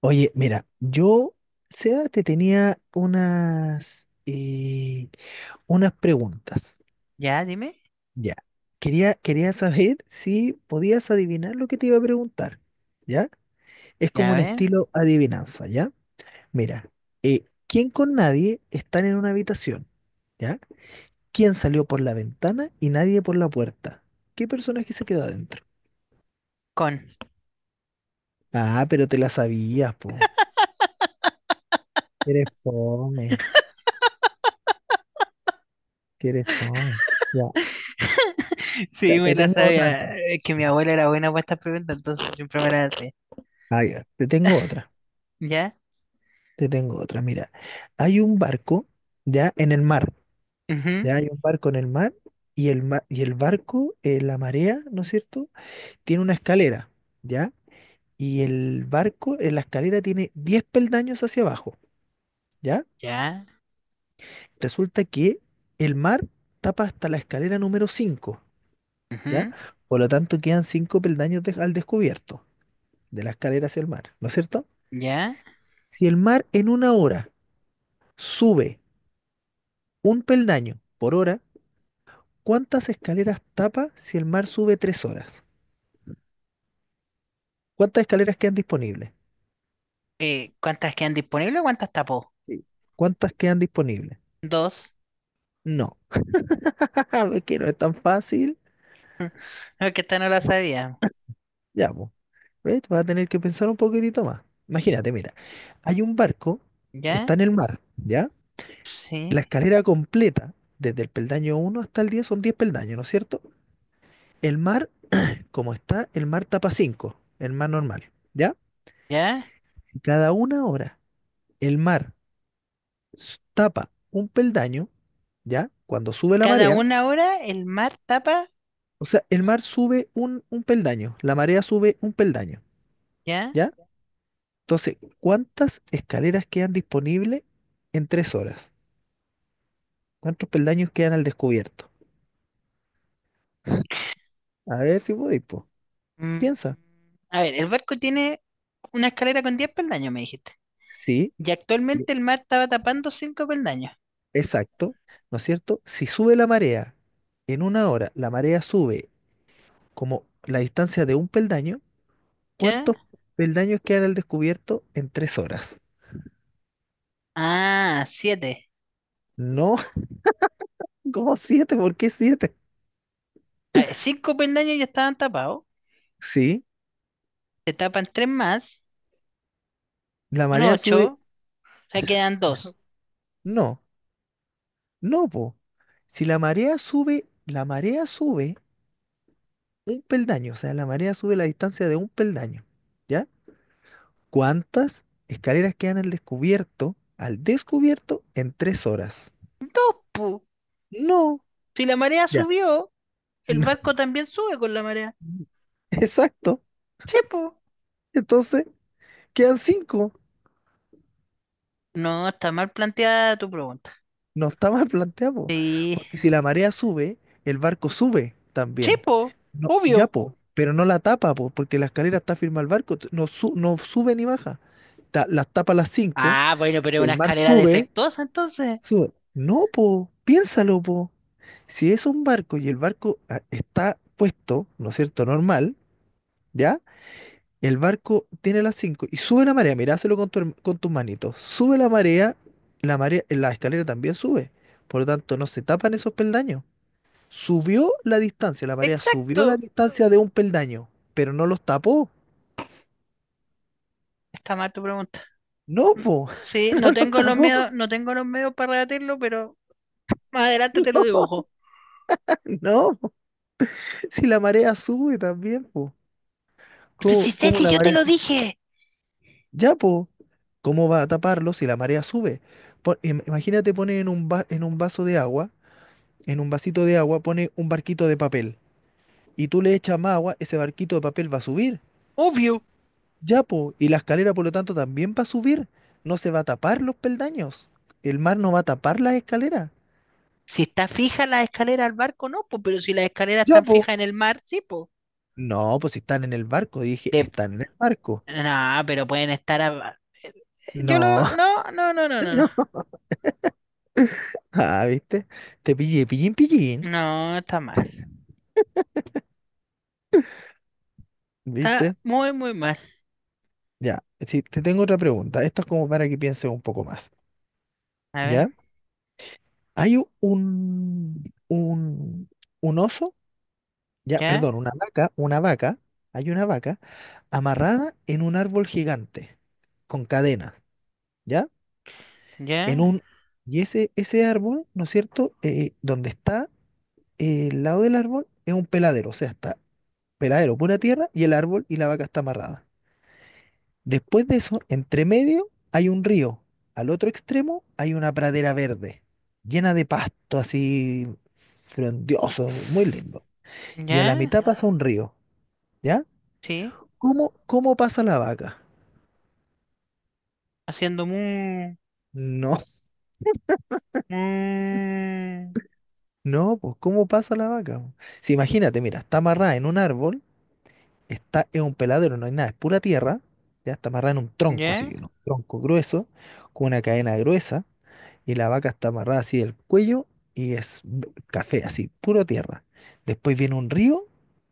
Oye, mira, yo, Seba, te tenía unas preguntas. Ya, dime. Ya. Quería saber si podías adivinar lo que te iba a preguntar. ¿Ya? Es como Ya un ven. estilo adivinanza, ¿ya? Mira, ¿quién con nadie están en una habitación? ¿Ya? ¿Quién salió por la ventana y nadie por la puerta? ¿Qué personaje se quedó adentro? Con. Ah, pero te la sabías, po. Que eres fome, que eres fome. Ya, Sí, ya, me te la tengo otra sabía. entonces. Es que mi abuela era buena para estas preguntas, entonces siempre me las hace. Ah, ya. Te tengo otra, ¿Ya? te tengo otra. Mira, hay un barco ya en el mar, Ujú. ya hay un barco en el mar y el barco, la marea, ¿no es cierto? Tiene una escalera, ¿ya? Y el barco en la escalera tiene 10 peldaños hacia abajo, ¿ya? ¿Ya? Resulta que el mar tapa hasta la escalera número 5, ¿ya? Ujú. Por lo tanto, quedan 5 peldaños al descubierto de la escalera hacia el mar, ¿no es cierto? ¿Ya? Si el mar en una hora sube un peldaño por hora, ¿cuántas escaleras tapa si el mar sube 3 horas? ¿Cuántas escaleras quedan disponibles? ¿Cuántas quedan disponibles o cuántas tapó? Sí. ¿Cuántas quedan disponibles? Dos. No, jaja, ve que no es tan fácil. No, que esta no la sabía. Ya, pues, ¿ves? Vas a tener que pensar un poquitito más. Imagínate, mira, hay un barco que ¿Ya? está en el mar, ¿ya? La Sí. escalera completa, desde el peldaño uno hasta el 10 son 10 peldaños, ¿no es cierto? El mar, como está, el mar tapa 5, el mar normal, ¿ya? ¿Ya? Cada una hora, el mar tapa un peldaño, ¿ya? Cuando sube la Cada marea, una hora el mar tapa. o sea, el mar sube un peldaño, la marea sube un peldaño, ¿Ya? ¿ya? Entonces, ¿cuántas escaleras quedan disponibles en 3 horas? ¿Cuántos peldaños quedan al descubierto? A ver si podéis, po. Mm, Piensa. A ver, el barco tiene una escalera con 10 peldaños, me dijiste. Sí, Y y- actualmente el mar estaba tapando cinco peldaños. exacto, ¿no es cierto? Si sube la marea en una hora, la marea sube como la distancia de un peldaño, ¿cuántos ¿Ya? peldaños quedan al descubierto en 3 horas? Ah, siete. No, como siete, ¿por qué siete? A ver, cinco peldaños ya estaban tapados. Sí, Se tapan tres más. la Son marea sube. ocho. Ya quedan dos. No. No, po. Si la marea sube, la marea sube un peldaño, o sea, la marea sube la distancia de un peldaño, ¿ya? ¿Cuántas escaleras quedan al descubierto en 3 horas? Dos, pu. No, Si la marea ya. subió, el barco también sube con la marea. no, exacto. Sí, pu. Entonces, quedan cinco. No, está mal planteada tu pregunta. No está mal planteado, po, Sí. porque si la marea sube, el barco sube Sí, también. pu. No, Obvio. ya, po, pero no la tapa, po, porque la escalera está firme al barco, no, no sube ni baja. Las tapa las cinco, Ah, bueno, pero es una el mar escalera sube, defectuosa entonces. sube. No, po, piénsalo, po. Si es un barco y el barco está puesto, ¿no es cierto? Normal, ¿ya? El barco tiene las 5 y sube la marea, miráselo con tus manitos. Sube la marea, la escalera también sube. Por lo tanto, no se tapan esos peldaños. Subió la distancia, la marea subió la Exacto. distancia de un peldaño, pero no los tapó. Está mal tu pregunta. No, Mm. po, Sí, no tengo los medios, tapó. no tengo los medios para rebatirlo, pero más adelante te lo dibujo. No, po. Si la marea sube también, po. Pues si ¿Cómo, sé cómo si la yo te marea? lo dije. Ya, po. ¿Cómo va a taparlo si la marea sube? Imagínate pone en un vaso de agua, en un vasito de agua, pone un barquito de papel y tú le echas más agua, ese barquito de papel va a subir. Obvio. Ya, po, y la escalera por lo tanto también va a subir. No se va a tapar los peldaños. El mar no va a tapar las escaleras. Si está fija la escalera al barco, no, pues, pero si las escaleras Ya, están po. fijas en el mar, sí, pues. No, pues si están en el barco, dije, De- están en el barco. No, pero pueden estar a- Yo lo... No, No, no, no, no, no. No, no. Ah, ¿viste? Te pillé, pillín, pillín. no, está mal. Está ¿Viste? muy, muy mal. Ya, sí, te tengo otra pregunta. Esto es como para que pienses un poco más. A ver, ¿Ya? Hay un oso, ya, ya, perdón, una vaca, hay una vaca amarrada en un árbol gigante, con cadenas, ¿ya? En ya, un, y ese árbol, ¿no es cierto? Donde está el lado del árbol es un peladero, o sea, está peladero, pura tierra, y el árbol y la vaca está amarrada. Después de eso, entre medio hay un río, al otro extremo hay una pradera verde, llena de pasto así frondioso, muy lindo. Y en la ya, mitad pasa un río, ¿ya? sí. ¿Cómo pasa la vaca? Haciendo mu... No, mu... no, pues ¿cómo pasa la vaca, po? Si imagínate, mira, está amarrada en un árbol, está en un peladero, no hay nada, es pura tierra, ya está amarrada en un tronco así, Ya. un tronco grueso, con una cadena gruesa, y la vaca está amarrada así del cuello y es café, así, puro tierra. Después viene un río,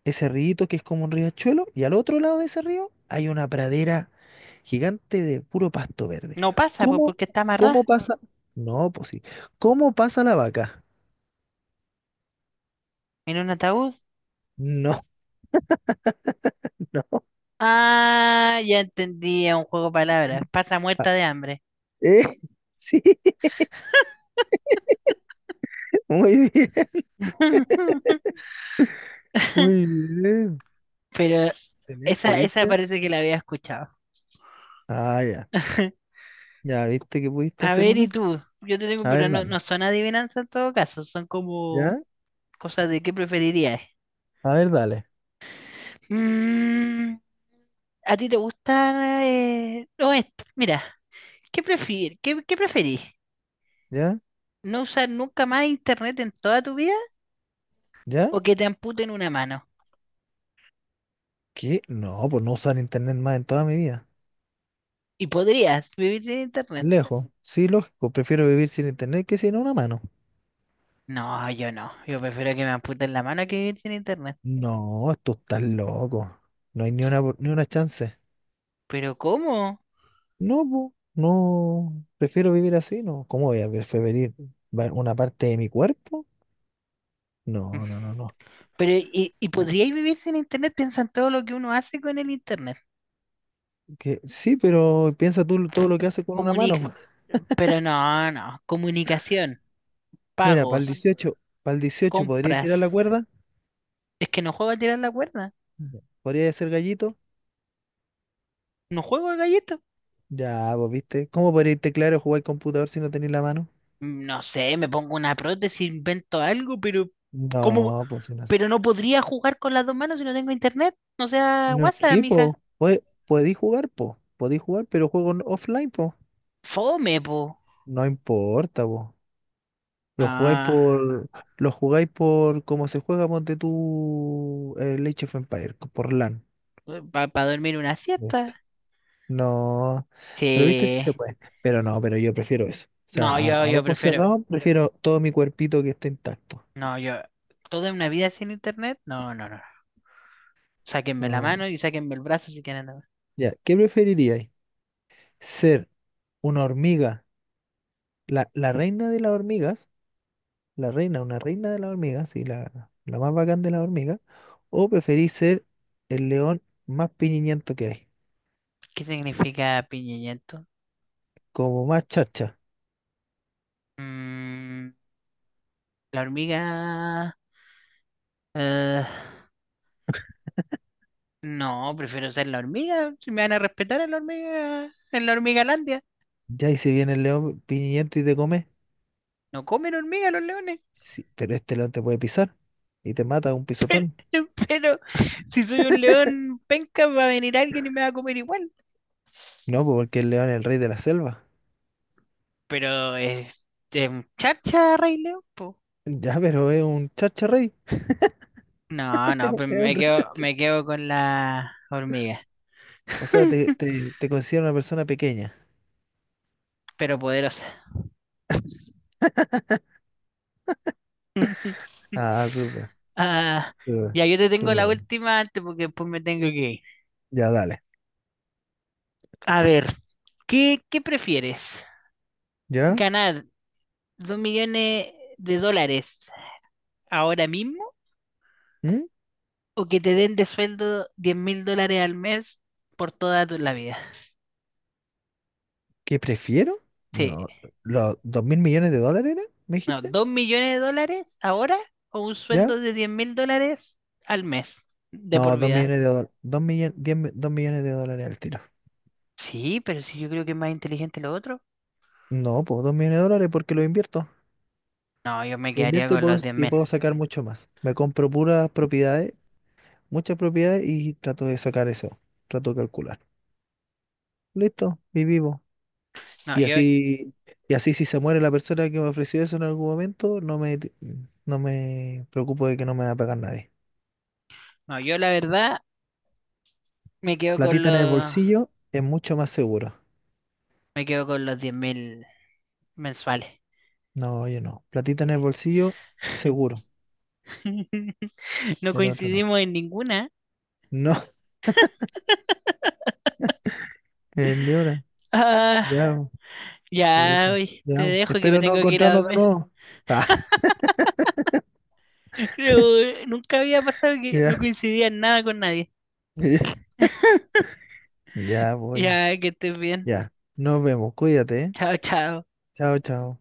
ese río que es como un riachuelo, y al otro lado de ese río hay una pradera gigante de puro pasto verde. No pasa, pues, ¿Cómo, porque está cómo amarrada pasa? No, pues sí. ¿Cómo pasa la vaca? en un ataúd. No, no. Ah, ya entendí, es un juego de palabras. Pasa Ah, muerta de hambre. eh, sí, muy bien, muy bien. Pero esa, Excelente, esa ¿viste? parece que la había escuchado. Ah, ya. Ya, ¿viste que pudiste A hacer ver, ¿y una? tú? Yo te tengo, A pero ver, no, dame. no son adivinanzas en todo caso, son como ¿Ya? cosas de qué preferirías. A ver, dale. Mm, ¿A ti te gusta? No, esto, mira, ¿qué preferís? ¿Ya? ¿No usar nunca más internet en toda tu vida ¿Ya? o que te amputen una mano? ¿Qué? No, pues no usar internet más en toda mi vida. ¿Y podrías vivir sin internet? Lejos. Sí, lógico. Prefiero vivir sin internet que sin una mano. No, yo no, yo prefiero que me amputen la mano que vivir sin internet. No, tú estás loco. No hay ni una, ni una chance. ¿Pero cómo? No, po, no, prefiero vivir así, ¿no? ¿Cómo voy a preferir una parte de mi cuerpo? No, no, no, no. Pero, ¿y No, podríais vivir sin internet? Piensa en todo lo que uno hace con el internet. que, sí, pero piensa tú todo lo que hace con una mano, Comunic po. Pero no, no. Comunicación, Mira, para el pagos, dieciocho para el dieciocho ¿podrías compras. tirar la cuerda? Es que no juego a tirar la cuerda. Ya. ¿Podrías ser gallito? No juego al gallito. Ya, pues, ¿viste? ¿Cómo podrías teclar o jugar computador si no tenéis la mano? No sé, me pongo una prótesis, invento algo, pero ¿cómo? No, pues, si no. Pero no podría jugar con las dos manos si no tengo internet. No sea WhatsApp, Sí, mija. pues, pues, podéis jugar, pero juego offline, pues. Fome, po. No importa, pues. Lo jugáis No, por, lo jugáis por como se juega, ponte tú el Age of Empires, por LAN. para dormir una ¿Viste? siesta. No, pero viste si se Sí. puede. Pero no, pero yo prefiero eso. O sea, No, a, yo, a yo ojos prefiero. cerrados prefiero todo mi cuerpito que esté intacto. No, yo toda una vida sin internet, no, no, no. Sáquenme la No. mano y sáquenme el brazo si quieren. No. Ya, ¿qué preferiríais? ¿Ser una hormiga, la reina de las hormigas? La reina, una reina de las hormigas, sí, la más bacán de las hormigas. ¿O preferís ser el león más piñiñento que hay? ¿Qué significa piñillento? Como más charcha. Mm, la hormiga. eh, no, prefiero ser la hormiga. Si me van a respetar en la hormiga, en la hormigalandia. Ya, y si viene el león piñiento y te come, No comen hormiga los leones. sí, pero este león te puede pisar y te mata de un pisotón. Pero si soy un león penca, va a venir alguien y me va a comer igual. No, pues, porque el león es el rey de la selva. Pero es un chacha, Rey León, po. Ya, pero es un chacha rey. No, no, pues Es un rey chacha. me quedo con la hormiga. O sea, te, te, te considera una persona pequeña. pero poderosa. Ah, súper, Ah, súper, ya, yo te tengo súper. la Bueno. última antes porque después me tengo que ir. Ya, dale. A ver, ¿qué prefieres? ¿Ya? ¿Ganar 2 millones de dólares ahora mismo ¿Mm? o que te den de sueldo 10.000 dólares al mes por la vida? ¿Qué prefiero? Sí, No, ¿los $2.000 millones era? ¿Me no, dijiste? 2 millones de dólares ahora o un ¿Ya? sueldo de 10.000 dólares al mes de No, por dos vida. millones de dólares. 2 millones, $2 millones al tiro. Sí, pero si yo creo que es más inteligente lo otro. No, pues $2 millones porque lo invierto. No, yo me Yo quedaría invierto y con puedo, los diez y mil puedo sacar mucho más. Me compro puras propiedades, muchas propiedades y trato de sacar eso. Trato de calcular. Listo, y vivo. No, Y yo, así, y así si se muere la persona que me ofreció eso en algún momento, no me preocupo de que no me va a pagar nadie. no, yo la verdad me quedo con Platita en el los, bolsillo es mucho más seguro. me quedo con los 10.000 mensuales. No, yo no. Platita en el bolsillo, seguro. No Del otro no. coincidimos en ninguna. No, ni una. Ah, Ya, ya, pucha. oye, te Ya. dejo que me Espero no tengo que ir a encontrarnos de dormir. nuevo. Ah, Pero, nunca había pasado que no ya. coincidía en nada con nadie. Ya, voy. Ya, que estés bien. Ya, nos vemos, cuídate, ¿eh? Chao, chao. Chao, chao.